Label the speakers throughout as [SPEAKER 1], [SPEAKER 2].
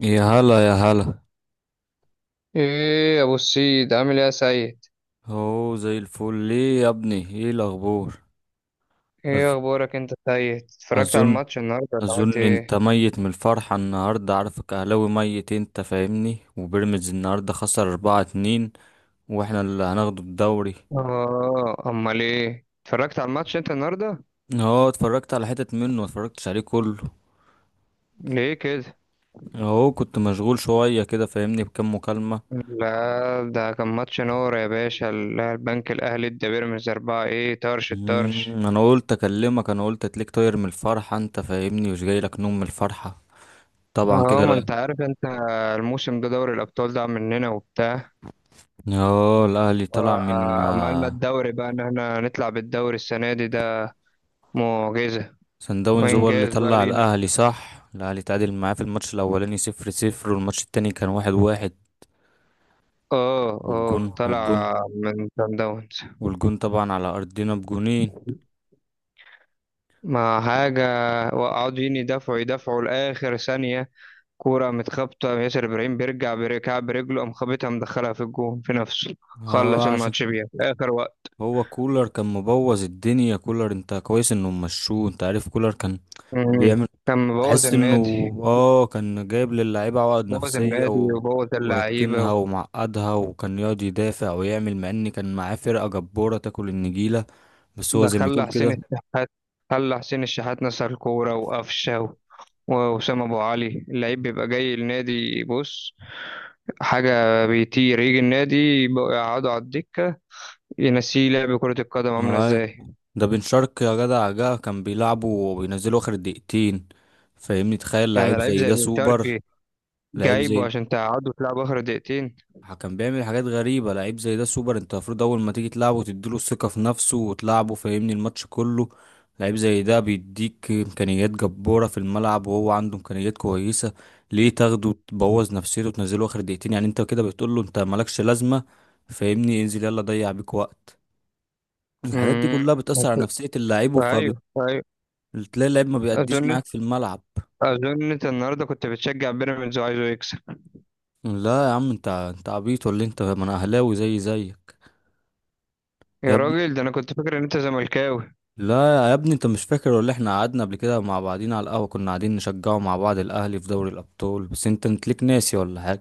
[SPEAKER 1] يا هلا يا هلا.
[SPEAKER 2] ايه يا ابو السيد عامل ايه يا سيد؟
[SPEAKER 1] هو زي الفل ليه يا ابني؟ ايه الاخبار؟
[SPEAKER 2] ايه
[SPEAKER 1] أز...
[SPEAKER 2] اخبارك انت يا سيد؟ اتفرجت على
[SPEAKER 1] اظن
[SPEAKER 2] الماتش النهارده ولا عملت
[SPEAKER 1] اظن انت
[SPEAKER 2] ايه؟
[SPEAKER 1] ميت من الفرحة النهاردة، عارفك اهلاوي ميت انت فاهمني، وبيراميدز النهاردة خسر 4-2، واحنا اللي هناخده الدوري.
[SPEAKER 2] اه، امال ايه، اتفرجت على الماتش انت النهارده؟
[SPEAKER 1] اه اتفرجت على حتت منه، متفرجتش عليه كله.
[SPEAKER 2] ليه كده؟
[SPEAKER 1] اهو كنت مشغول شوية كده فاهمني، بكام مكالمة.
[SPEAKER 2] لا ده كان ماتش نور يا باشا، البنك الاهلي ادى بيراميدز اربعة، ايه طرش الطرش.
[SPEAKER 1] انا قلت اكلمك، انا قلت تليك طاير من الفرحة انت فاهمني، مش جاي لك نوم من الفرحة. طبعا
[SPEAKER 2] اه
[SPEAKER 1] كده
[SPEAKER 2] ما انت
[SPEAKER 1] لا.
[SPEAKER 2] عارف انت، الموسم ده دوري الابطال ده مننا وبتاع.
[SPEAKER 1] اه الاهلي طلع من
[SPEAKER 2] عملنا الدوري بقى ان احنا نطلع بالدوري السنه دي، ده معجزه
[SPEAKER 1] سان داونز هو اللي
[SPEAKER 2] وانجاز بقى
[SPEAKER 1] طلع
[SPEAKER 2] لينا.
[SPEAKER 1] الاهلي، صح؟ الاهلي تعادل معاه في الماتش الاولاني 0-0، والماتش التاني كان 1-1.
[SPEAKER 2] اه
[SPEAKER 1] والجون
[SPEAKER 2] اه، طلع
[SPEAKER 1] والجون
[SPEAKER 2] من سان داونز.
[SPEAKER 1] والجون طبعا على ارضنا بجونين.
[SPEAKER 2] ما حاجة. وقعدوا يدافعوا يدافعوا لآخر ثانية. كورة متخبطة، ياسر إبراهيم بيرجع بركع برجله، قام خابطها مدخلها في الجون في نفسه.
[SPEAKER 1] هو
[SPEAKER 2] خلص
[SPEAKER 1] عشان
[SPEAKER 2] الماتش بيها في آخر وقت.
[SPEAKER 1] هو كولر كان مبوظ الدنيا، كولر انت كويس انه مشوه، انت عارف كولر كان
[SPEAKER 2] مم.
[SPEAKER 1] بيعمل
[SPEAKER 2] كان مبوظ
[SPEAKER 1] تحس انه،
[SPEAKER 2] النادي.
[SPEAKER 1] اه كان جايب للاعيبه عقد
[SPEAKER 2] بوظ
[SPEAKER 1] نفسيه
[SPEAKER 2] النادي وبوظ
[SPEAKER 1] وركنها
[SPEAKER 2] اللعيبة.
[SPEAKER 1] ومعقدها، وكان يقعد يدافع ويعمل، مع ان كان معاه فرقه جباره تاكل النجيله. بس هو
[SPEAKER 2] ده
[SPEAKER 1] زي ما
[SPEAKER 2] خلى
[SPEAKER 1] تقول
[SPEAKER 2] حسين
[SPEAKER 1] كده.
[SPEAKER 2] الشحات، خلى حسين الشحات نسى الكورة وقفشة وأسامة أبو علي، اللعيب بيبقى جاي النادي بص حاجة بيطير، يجي النادي يبقوا يقعدوا على الدكة، ينسيه لعب كرة القدم عاملة
[SPEAKER 1] هاي،
[SPEAKER 2] ازاي.
[SPEAKER 1] ده بن شرقي يا جدع، جه كان بيلعبه وبينزله اخر دقيقتين، فاهمني؟ تخيل
[SPEAKER 2] يعني
[SPEAKER 1] لعيب
[SPEAKER 2] لعيب
[SPEAKER 1] زي
[SPEAKER 2] زي
[SPEAKER 1] ده
[SPEAKER 2] بن
[SPEAKER 1] سوبر.
[SPEAKER 2] شرقي
[SPEAKER 1] لعيب
[SPEAKER 2] جايبه
[SPEAKER 1] زي
[SPEAKER 2] عشان تقعده في لعب آخر دقيقتين؟
[SPEAKER 1] ده كان بيعمل حاجات غريبة، لعيب زي ده سوبر، انت المفروض اول ما تيجي تلعبه تديله الثقة في نفسه وتلعبه فاهمني الماتش كله. لعيب زي ده بيديك امكانيات جبارة في الملعب، وهو عنده امكانيات كويسة. ليه تاخده تبوظ نفسيته وتنزله اخر دقيقتين؟ يعني انت كده بتقول له انت مالكش لازمة، فاهمني، انزل يلا ضيع بيك وقت. الحاجات دي
[SPEAKER 2] امم
[SPEAKER 1] كلها بتأثر على نفسية اللاعب،
[SPEAKER 2] أيوه، أيوه.
[SPEAKER 1] تلاقي اللعيب ما بيأديش
[SPEAKER 2] أظن،
[SPEAKER 1] معاك في الملعب.
[SPEAKER 2] أظن أنت النهاردة كنت بتشجع بيراميدز وعايزه يكسب.
[SPEAKER 1] لا يا عم، انت عبيط ولا إيه؟ انت، ما انا اهلاوي زي زيك يا
[SPEAKER 2] يا
[SPEAKER 1] ابني.
[SPEAKER 2] راجل، ده أنا كنت فاكر إن أنت زملكاوي.
[SPEAKER 1] لا يا ابني، انت مش فاكر ولا احنا قعدنا قبل كده مع بعضينا على القهوة؟ كنا قاعدين نشجعه مع بعض، الاهلي في دوري الابطال، بس انت ليك ناسي ولا حاجة.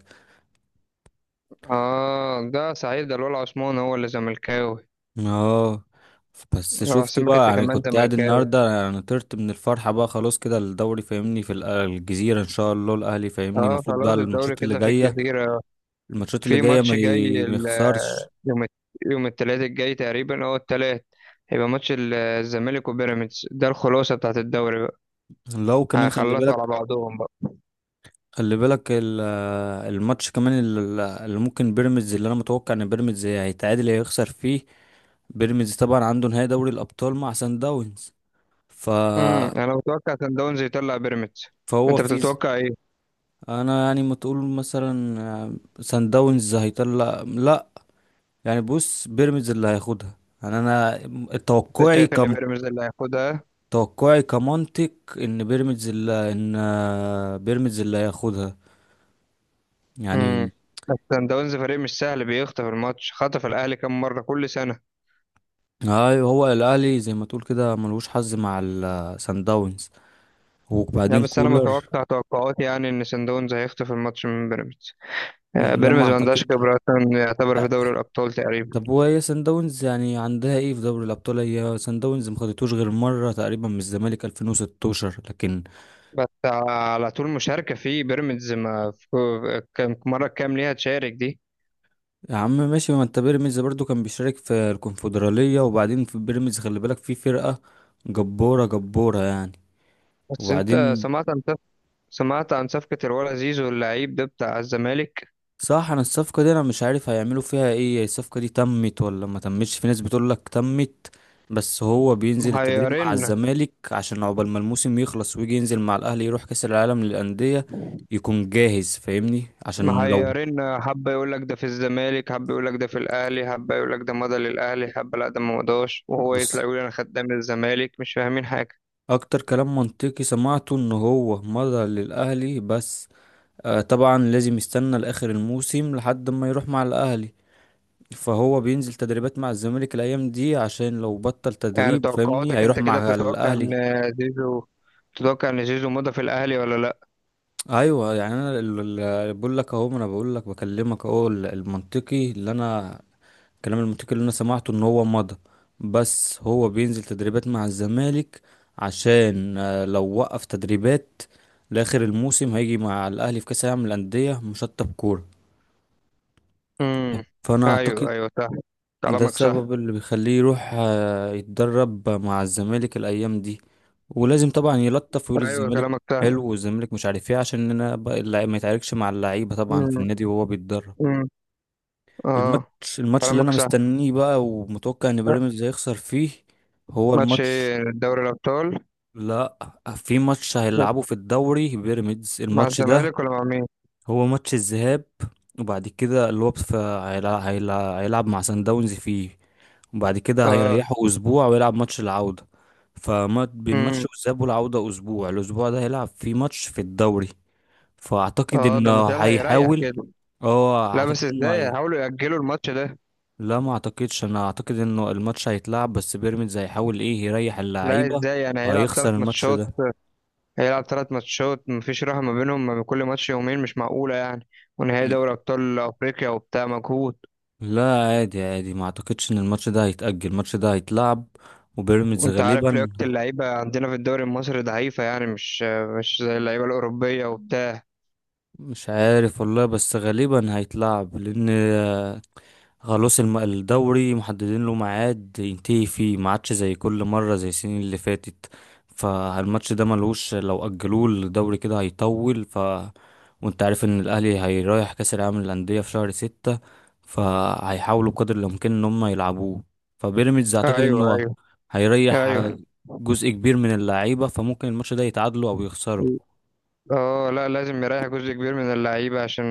[SPEAKER 2] آه ده سعيد، ده الولع عثمان هو اللي زملكاوي.
[SPEAKER 1] اه بس
[SPEAKER 2] أنا
[SPEAKER 1] شفت
[SPEAKER 2] بحسبك
[SPEAKER 1] بقى؟
[SPEAKER 2] أنت
[SPEAKER 1] يعني
[SPEAKER 2] كمان
[SPEAKER 1] كنت قاعد
[SPEAKER 2] زملكاوي.
[SPEAKER 1] النهارده يعني طرت من الفرحة بقى، خلاص كده الدوري فاهمني في الجزيرة ان شاء الله، الاهلي فاهمني
[SPEAKER 2] آه
[SPEAKER 1] المفروض بقى
[SPEAKER 2] خلاص الدوري
[SPEAKER 1] الماتشات اللي
[SPEAKER 2] كده في
[SPEAKER 1] جاية،
[SPEAKER 2] الجزيرة.
[SPEAKER 1] الماتشات اللي
[SPEAKER 2] في
[SPEAKER 1] جاية
[SPEAKER 2] ماتش جاي،
[SPEAKER 1] ما يخسرش.
[SPEAKER 2] يوم الت- يوم التلات الجاي تقريبا، اه التلات، هيبقى ماتش الزمالك وبيراميدز، ده الخلاصة بتاعت الدوري بقى.
[SPEAKER 1] لو كمان خلي
[SPEAKER 2] هيخلصوا
[SPEAKER 1] بالك،
[SPEAKER 2] على بعضهم بقى.
[SPEAKER 1] خلي بالك الماتش كمان اللي ممكن بيراميدز، اللي انا متوقع ان بيراميدز هيتعادل يا هيخسر فيه. بيراميدز طبعا عنده نهائي دوري الابطال مع سان داونز. ف
[SPEAKER 2] انا متوقع سان داونز يطلع بيراميدز.
[SPEAKER 1] فهو
[SPEAKER 2] انت
[SPEAKER 1] في ز-
[SPEAKER 2] بتتوقع ايه؟
[SPEAKER 1] انا يعني ما تقول مثلا سان داونز هيطلع، لا يعني بص بيراميدز اللي هياخدها. يعني انا
[SPEAKER 2] انت
[SPEAKER 1] توقعي
[SPEAKER 2] شايف ان
[SPEAKER 1] كم،
[SPEAKER 2] بيراميدز اللي هياخدها؟
[SPEAKER 1] توقعي كمنطق ان بيراميدز اللي ان بيراميدز اللي هياخدها
[SPEAKER 2] امم
[SPEAKER 1] يعني.
[SPEAKER 2] بس سان داونز فريق مش سهل، بيخطف الماتش، خطف الاهلي كام مرة كل سنة.
[SPEAKER 1] ايوه هو الاهلي زي ما تقول كده ملوش حظ مع السان داونز.
[SPEAKER 2] لا
[SPEAKER 1] وبعدين
[SPEAKER 2] بس انا
[SPEAKER 1] كولر،
[SPEAKER 2] متوقع، توقعاتي يعني ان سان داونز هيخطف الماتش من بيراميدز.
[SPEAKER 1] لما
[SPEAKER 2] بيراميدز ما عندهاش
[SPEAKER 1] اعتقد
[SPEAKER 2] خبرة أصلاً يعتبر في دوري
[SPEAKER 1] أ-
[SPEAKER 2] الابطال تقريبا.
[SPEAKER 1] طب وهي سان داونز يعني عندها ايه في دوري الابطال؟ هي سان داونز ما خدتوش غير مره تقريبا من الزمالك 2016، لكن
[SPEAKER 2] بس على طول مشاركة في بيراميدز، ما في كم مرة، كام ليها تشارك دي؟
[SPEAKER 1] يا عم ماشي، ما انت بيراميدز برضو كان بيشارك في الكونفدراليه. وبعدين في بيراميدز خلي بالك، في فرقه جباره جباره يعني.
[SPEAKER 2] بس انت
[SPEAKER 1] وبعدين
[SPEAKER 2] سمعت عن سمعت عن صفقة الولا زيزو اللعيب ده بتاع الزمالك؟
[SPEAKER 1] صح، انا الصفقة دي انا مش عارف هيعملوا فيها ايه، الصفقة دي تمت ولا ما تمتش؟ في ناس بتقول لك تمت، بس هو بينزل التدريب
[SPEAKER 2] محيرين،
[SPEAKER 1] مع الزمالك عشان عقبال ما الموسم يخلص ويجي ينزل مع الاهلي يروح كاس العالم للأندية يكون جاهز، فاهمني، عشان لو،
[SPEAKER 2] محيرين. حبة يقول لك ده في الزمالك، حبة يقول لك ده في الأهلي، حبة يقول لك ده مضى للأهلي، حبة لا ده ما مضاش، وهو يطلع
[SPEAKER 1] بص
[SPEAKER 2] يقول أنا خدام الزمالك، مش فاهمين حاجة.
[SPEAKER 1] اكتر كلام منطقي سمعته ان هو مضى للاهلي. بس آه طبعا لازم يستنى لاخر الموسم لحد ما يروح مع الاهلي، فهو بينزل تدريبات مع الزمالك الايام دي عشان لو بطل
[SPEAKER 2] يعني
[SPEAKER 1] تدريب فاهمني
[SPEAKER 2] توقعاتك
[SPEAKER 1] هيروح
[SPEAKER 2] أنت كده
[SPEAKER 1] مع
[SPEAKER 2] بتتوقع
[SPEAKER 1] الاهلي.
[SPEAKER 2] إن زيزو، تتوقع إن زيزو مضى في الأهلي ولا لأ؟
[SPEAKER 1] ايوه يعني انا بقول لك اهو، ما انا بقول لك بكلمك اهو المنطقي اللي انا، الكلام المنطقي اللي انا سمعته ان هو مضى. بس هو بينزل تدريبات مع الزمالك عشان لو وقف تدريبات لاخر الموسم هيجي مع الاهلي في كاس العالم للانديه مشطب كوره.
[SPEAKER 2] امم
[SPEAKER 1] فانا
[SPEAKER 2] أيوه،
[SPEAKER 1] اعتقد
[SPEAKER 2] أيوه صح،
[SPEAKER 1] ده
[SPEAKER 2] كلامك صح.
[SPEAKER 1] السبب اللي بيخليه يروح يتدرب مع الزمالك الأيام دي، ولازم طبعا يلطف ويقول
[SPEAKER 2] ايوه
[SPEAKER 1] الزمالك
[SPEAKER 2] كلامك سهل.
[SPEAKER 1] حلو والزمالك مش عارف ايه عشان انا بقى اللعيب ما يتعاركش مع اللعيبة طبعا
[SPEAKER 2] مم.
[SPEAKER 1] في النادي وهو بيتدرب.
[SPEAKER 2] مم. اه،
[SPEAKER 1] الماتش الماتش اللي انا
[SPEAKER 2] كلامك سهل.
[SPEAKER 1] مستنيه بقى ومتوقع ان بيراميدز هيخسر فيه هو
[SPEAKER 2] ماتش
[SPEAKER 1] الماتش،
[SPEAKER 2] ايه، دوري الابطال؟
[SPEAKER 1] لا في ماتش
[SPEAKER 2] ماتش
[SPEAKER 1] هيلعبه في الدوري بيراميدز،
[SPEAKER 2] مع
[SPEAKER 1] الماتش ده
[SPEAKER 2] الزمالك ولا مع مين؟
[SPEAKER 1] هو ماتش الذهاب، وبعد كده اللي هو في هيلعب مع سان داونز فيه، وبعد كده
[SPEAKER 2] اه.
[SPEAKER 1] هيريحوا اسبوع ويلعب ماتش العودة. فما بين
[SPEAKER 2] امم
[SPEAKER 1] ماتش الذهاب والعودة اسبوع، الاسبوع ده هيلعب فيه ماتش في الدوري. فاعتقد
[SPEAKER 2] اه ده مش
[SPEAKER 1] انه
[SPEAKER 2] هيريح
[SPEAKER 1] هيحاول،
[SPEAKER 2] كده.
[SPEAKER 1] اه
[SPEAKER 2] لا بس
[SPEAKER 1] اعتقد انه
[SPEAKER 2] ازاي هيحاولوا يأجلوا الماتش ده؟
[SPEAKER 1] لا ما اعتقدش، انا اعتقد انه الماتش هيتلعب، بس بيراميدز هيحاول ايه يريح
[SPEAKER 2] لا
[SPEAKER 1] اللعيبة
[SPEAKER 2] ازاي يعني هيلعب ثلاث
[SPEAKER 1] وهيخسر الماتش
[SPEAKER 2] ماتشات؟
[SPEAKER 1] ده.
[SPEAKER 2] هيلعب ثلاث ماتشات مفيش راحة ما بينهم، ما بين كل ماتش يومين، مش معقولة يعني. ونهائي دوري ابطال افريقيا وبتاع، مجهود.
[SPEAKER 1] لا عادي عادي، ما اعتقدش ان الماتش ده هيتأجل، الماتش ده هيتلعب، وبيراميدز
[SPEAKER 2] وانت عارف
[SPEAKER 1] غالبا
[SPEAKER 2] لياقة اللعيبة عندنا في الدوري المصري ضعيفة، يعني مش، مش زي اللعيبة الأوروبية وبتاع.
[SPEAKER 1] مش عارف والله، بس غالبا هيتلعب لان خلاص الدوري محددين له ميعاد ينتهي فيه، ما عادش زي كل مرة زي السنين اللي فاتت، فالماتش ده ملوش، لو أجلوه الدوري كده هيطول. وانت عارف ان الاهلي هيرايح كاس العالم للأندية في شهر ستة، فهيحاولوا بقدر الامكان ان هم يلعبوه، فبيراميدز اعتقد
[SPEAKER 2] ايوه،
[SPEAKER 1] انه
[SPEAKER 2] ايوه
[SPEAKER 1] هيريح
[SPEAKER 2] ايوه.
[SPEAKER 1] جزء كبير من اللعيبة فممكن الماتش ده يتعادلوا او يخسروا.
[SPEAKER 2] اه لا لازم يريح جزء كبير من اللعيبة عشان،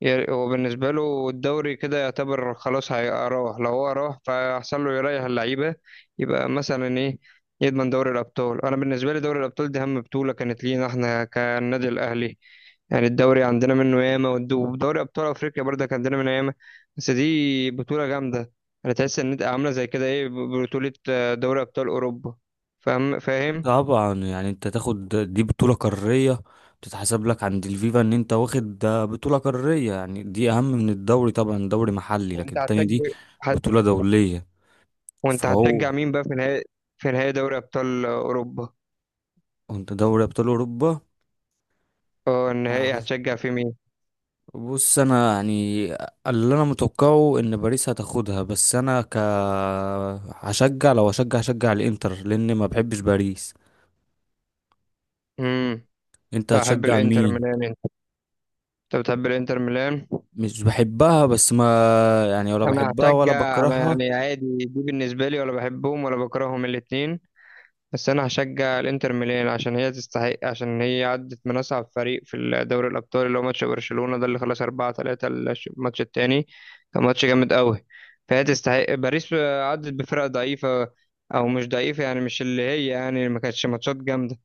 [SPEAKER 2] هو بالنسبة له الدوري كده يعتبر خلاص هيروح، لو هو راح فيحصل له يريح اللعيبة، يبقى مثلا ايه، يضمن دوري الأبطال. أنا بالنسبة لي دوري الأبطال دي أهم بطولة كانت لينا احنا كالنادي الأهلي. يعني الدوري عندنا منه ياما، ودوري أبطال أفريقيا برضه كان عندنا منه ياما، بس دي بطولة جامدة. أنا تحس إن إنت عاملة زي كده ايه، بطولة، دوري أبطال أوروبا. فاهم فاهم؟
[SPEAKER 1] طبعا يعني انت تاخد دي بطولة قارية تتحسب لك عند الفيفا، ان انت واخد ده بطولة قارية يعني دي اهم من الدوري، طبعا دوري محلي لكن
[SPEAKER 2] وأنت
[SPEAKER 1] التانية دي
[SPEAKER 2] هتشجع،
[SPEAKER 1] بطولة دولية.
[SPEAKER 2] وانت هتشجع
[SPEAKER 1] فهو،
[SPEAKER 2] مين بقى في نهائي، في نهائي دوري ابطال اوروبا؟
[SPEAKER 1] انت دوري ابطال اوروبا.
[SPEAKER 2] اه النهائي هتشجع في مين؟
[SPEAKER 1] بص انا يعني اللي انا متوقعه ان باريس هتاخدها، بس انا هشجع، لو هشجع هشجع الانتر لان ما بحبش باريس.
[SPEAKER 2] امم
[SPEAKER 1] انت
[SPEAKER 2] احب
[SPEAKER 1] هتشجع
[SPEAKER 2] الانتر
[SPEAKER 1] مين؟
[SPEAKER 2] ميلان انت، انت بتحب الانتر ميلان؟
[SPEAKER 1] مش بحبها بس ما، يعني ولا
[SPEAKER 2] انا
[SPEAKER 1] بحبها ولا
[SPEAKER 2] هشجع، انا
[SPEAKER 1] بكرهها.
[SPEAKER 2] يعني عادي دي بالنسبه لي، ولا بحبهم ولا بكرههم الاتنين، بس انا هشجع الانتر ميلان عشان هي تستحق، عشان هي عدت من اصعب فريق في دوري الابطال اللي هو ماتش برشلونة ده اللي خلص 4-3، الماتش التاني كان ماتش جامد قوي، فهي تستحق. باريس عدت بفرق ضعيفة، او مش ضعيفة يعني، مش اللي هي يعني ما كانتش ماتشات جامدة،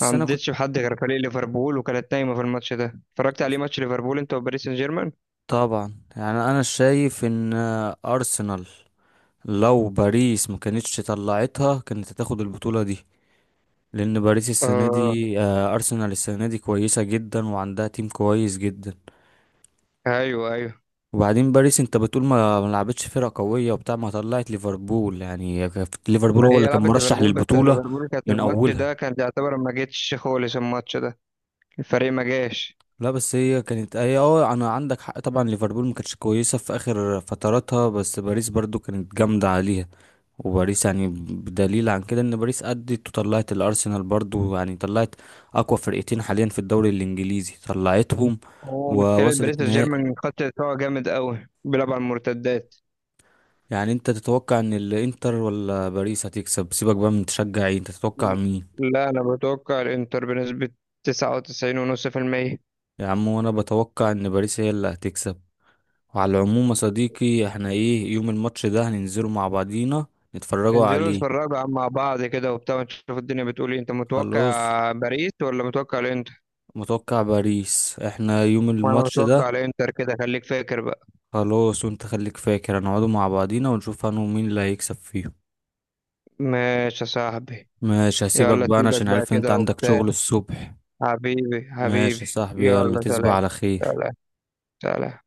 [SPEAKER 2] ما
[SPEAKER 1] انا كنت،
[SPEAKER 2] عدتش بحد غير فريق ليفربول وكانت نايمة في الماتش ده، اتفرجت عليه ماتش ليفربول انت وباريس سان جيرمان؟
[SPEAKER 1] طبعا يعني انا شايف ان ارسنال، لو باريس ما كانتش طلعتها كانت هتاخد البطولة دي، لان باريس السنة
[SPEAKER 2] اه.
[SPEAKER 1] دي ارسنال السنة دي كويسة جدا وعندها تيم كويس جدا.
[SPEAKER 2] ايوه، ايوه.
[SPEAKER 1] وبعدين باريس انت بتقول ما لعبتش فرقة قوية وبتاع، ما طلعت ليفربول يعني، كانت ليفربول
[SPEAKER 2] ما
[SPEAKER 1] هو
[SPEAKER 2] هي
[SPEAKER 1] اللي كان
[SPEAKER 2] لعبت
[SPEAKER 1] مرشح
[SPEAKER 2] ليفربول، بس
[SPEAKER 1] للبطولة
[SPEAKER 2] ليفربول كانت
[SPEAKER 1] من
[SPEAKER 2] الماتش
[SPEAKER 1] اولها.
[SPEAKER 2] ده كان يعتبر ما جتش خالص الماتش ده، الفريق ما جاش.
[SPEAKER 1] لا بس هي كانت هي اه انا عندك حق، طبعا ليفربول ما كانتش كويسة في اخر فتراتها، بس باريس برضو كانت جامدة عليها. وباريس يعني بدليل عن كده ان باريس ادت وطلعت الارسنال برضو، يعني طلعت اقوى فرقتين حاليا في الدوري الانجليزي طلعتهم،
[SPEAKER 2] هو مشكلة باريس
[SPEAKER 1] ووصلت
[SPEAKER 2] سان
[SPEAKER 1] نهائي.
[SPEAKER 2] جيرمان خط دفاعه جامد قوي، بيلعب على المرتدات.
[SPEAKER 1] يعني انت تتوقع ان الانتر ولا باريس هتكسب؟ سيبك بقى من تشجع ايه، انت تتوقع مين؟
[SPEAKER 2] لا أنا بتوقع الإنتر بنسبة 99.5%.
[SPEAKER 1] يا عم وانا بتوقع ان باريس هي اللي هتكسب. وعلى العموم يا صديقي، احنا ايه يوم الماتش ده هننزله مع بعضينا نتفرجوا
[SPEAKER 2] ننزلوا
[SPEAKER 1] عليه.
[SPEAKER 2] نتفرجوا مع بعض كده وبتاع، نشوف الدنيا بتقول إيه. أنت
[SPEAKER 1] خلاص
[SPEAKER 2] متوقع باريس ولا متوقع الإنتر؟
[SPEAKER 1] متوقع باريس، احنا يوم
[SPEAKER 2] وأنا
[SPEAKER 1] الماتش ده.
[SPEAKER 2] متوقع الإنتر، كده خليك فاكر بقى.
[SPEAKER 1] خلاص وانت خليك فاكر، هنقعدوا مع بعضينا ونشوف انا ومين اللي هيكسب فيهم.
[SPEAKER 2] ماشي يا صاحبي.
[SPEAKER 1] ماشي هسيبك
[SPEAKER 2] يلا
[SPEAKER 1] بقى انا
[SPEAKER 2] سيبك
[SPEAKER 1] عشان
[SPEAKER 2] بقى
[SPEAKER 1] عارف ان انت
[SPEAKER 2] كده
[SPEAKER 1] عندك
[SPEAKER 2] وبتاع،
[SPEAKER 1] شغل الصبح.
[SPEAKER 2] حبيبي
[SPEAKER 1] ماشي
[SPEAKER 2] حبيبي.
[SPEAKER 1] يا صاحبي، يلا
[SPEAKER 2] يلا
[SPEAKER 1] تصبح
[SPEAKER 2] سلام.
[SPEAKER 1] على خير.
[SPEAKER 2] سلام. سلام.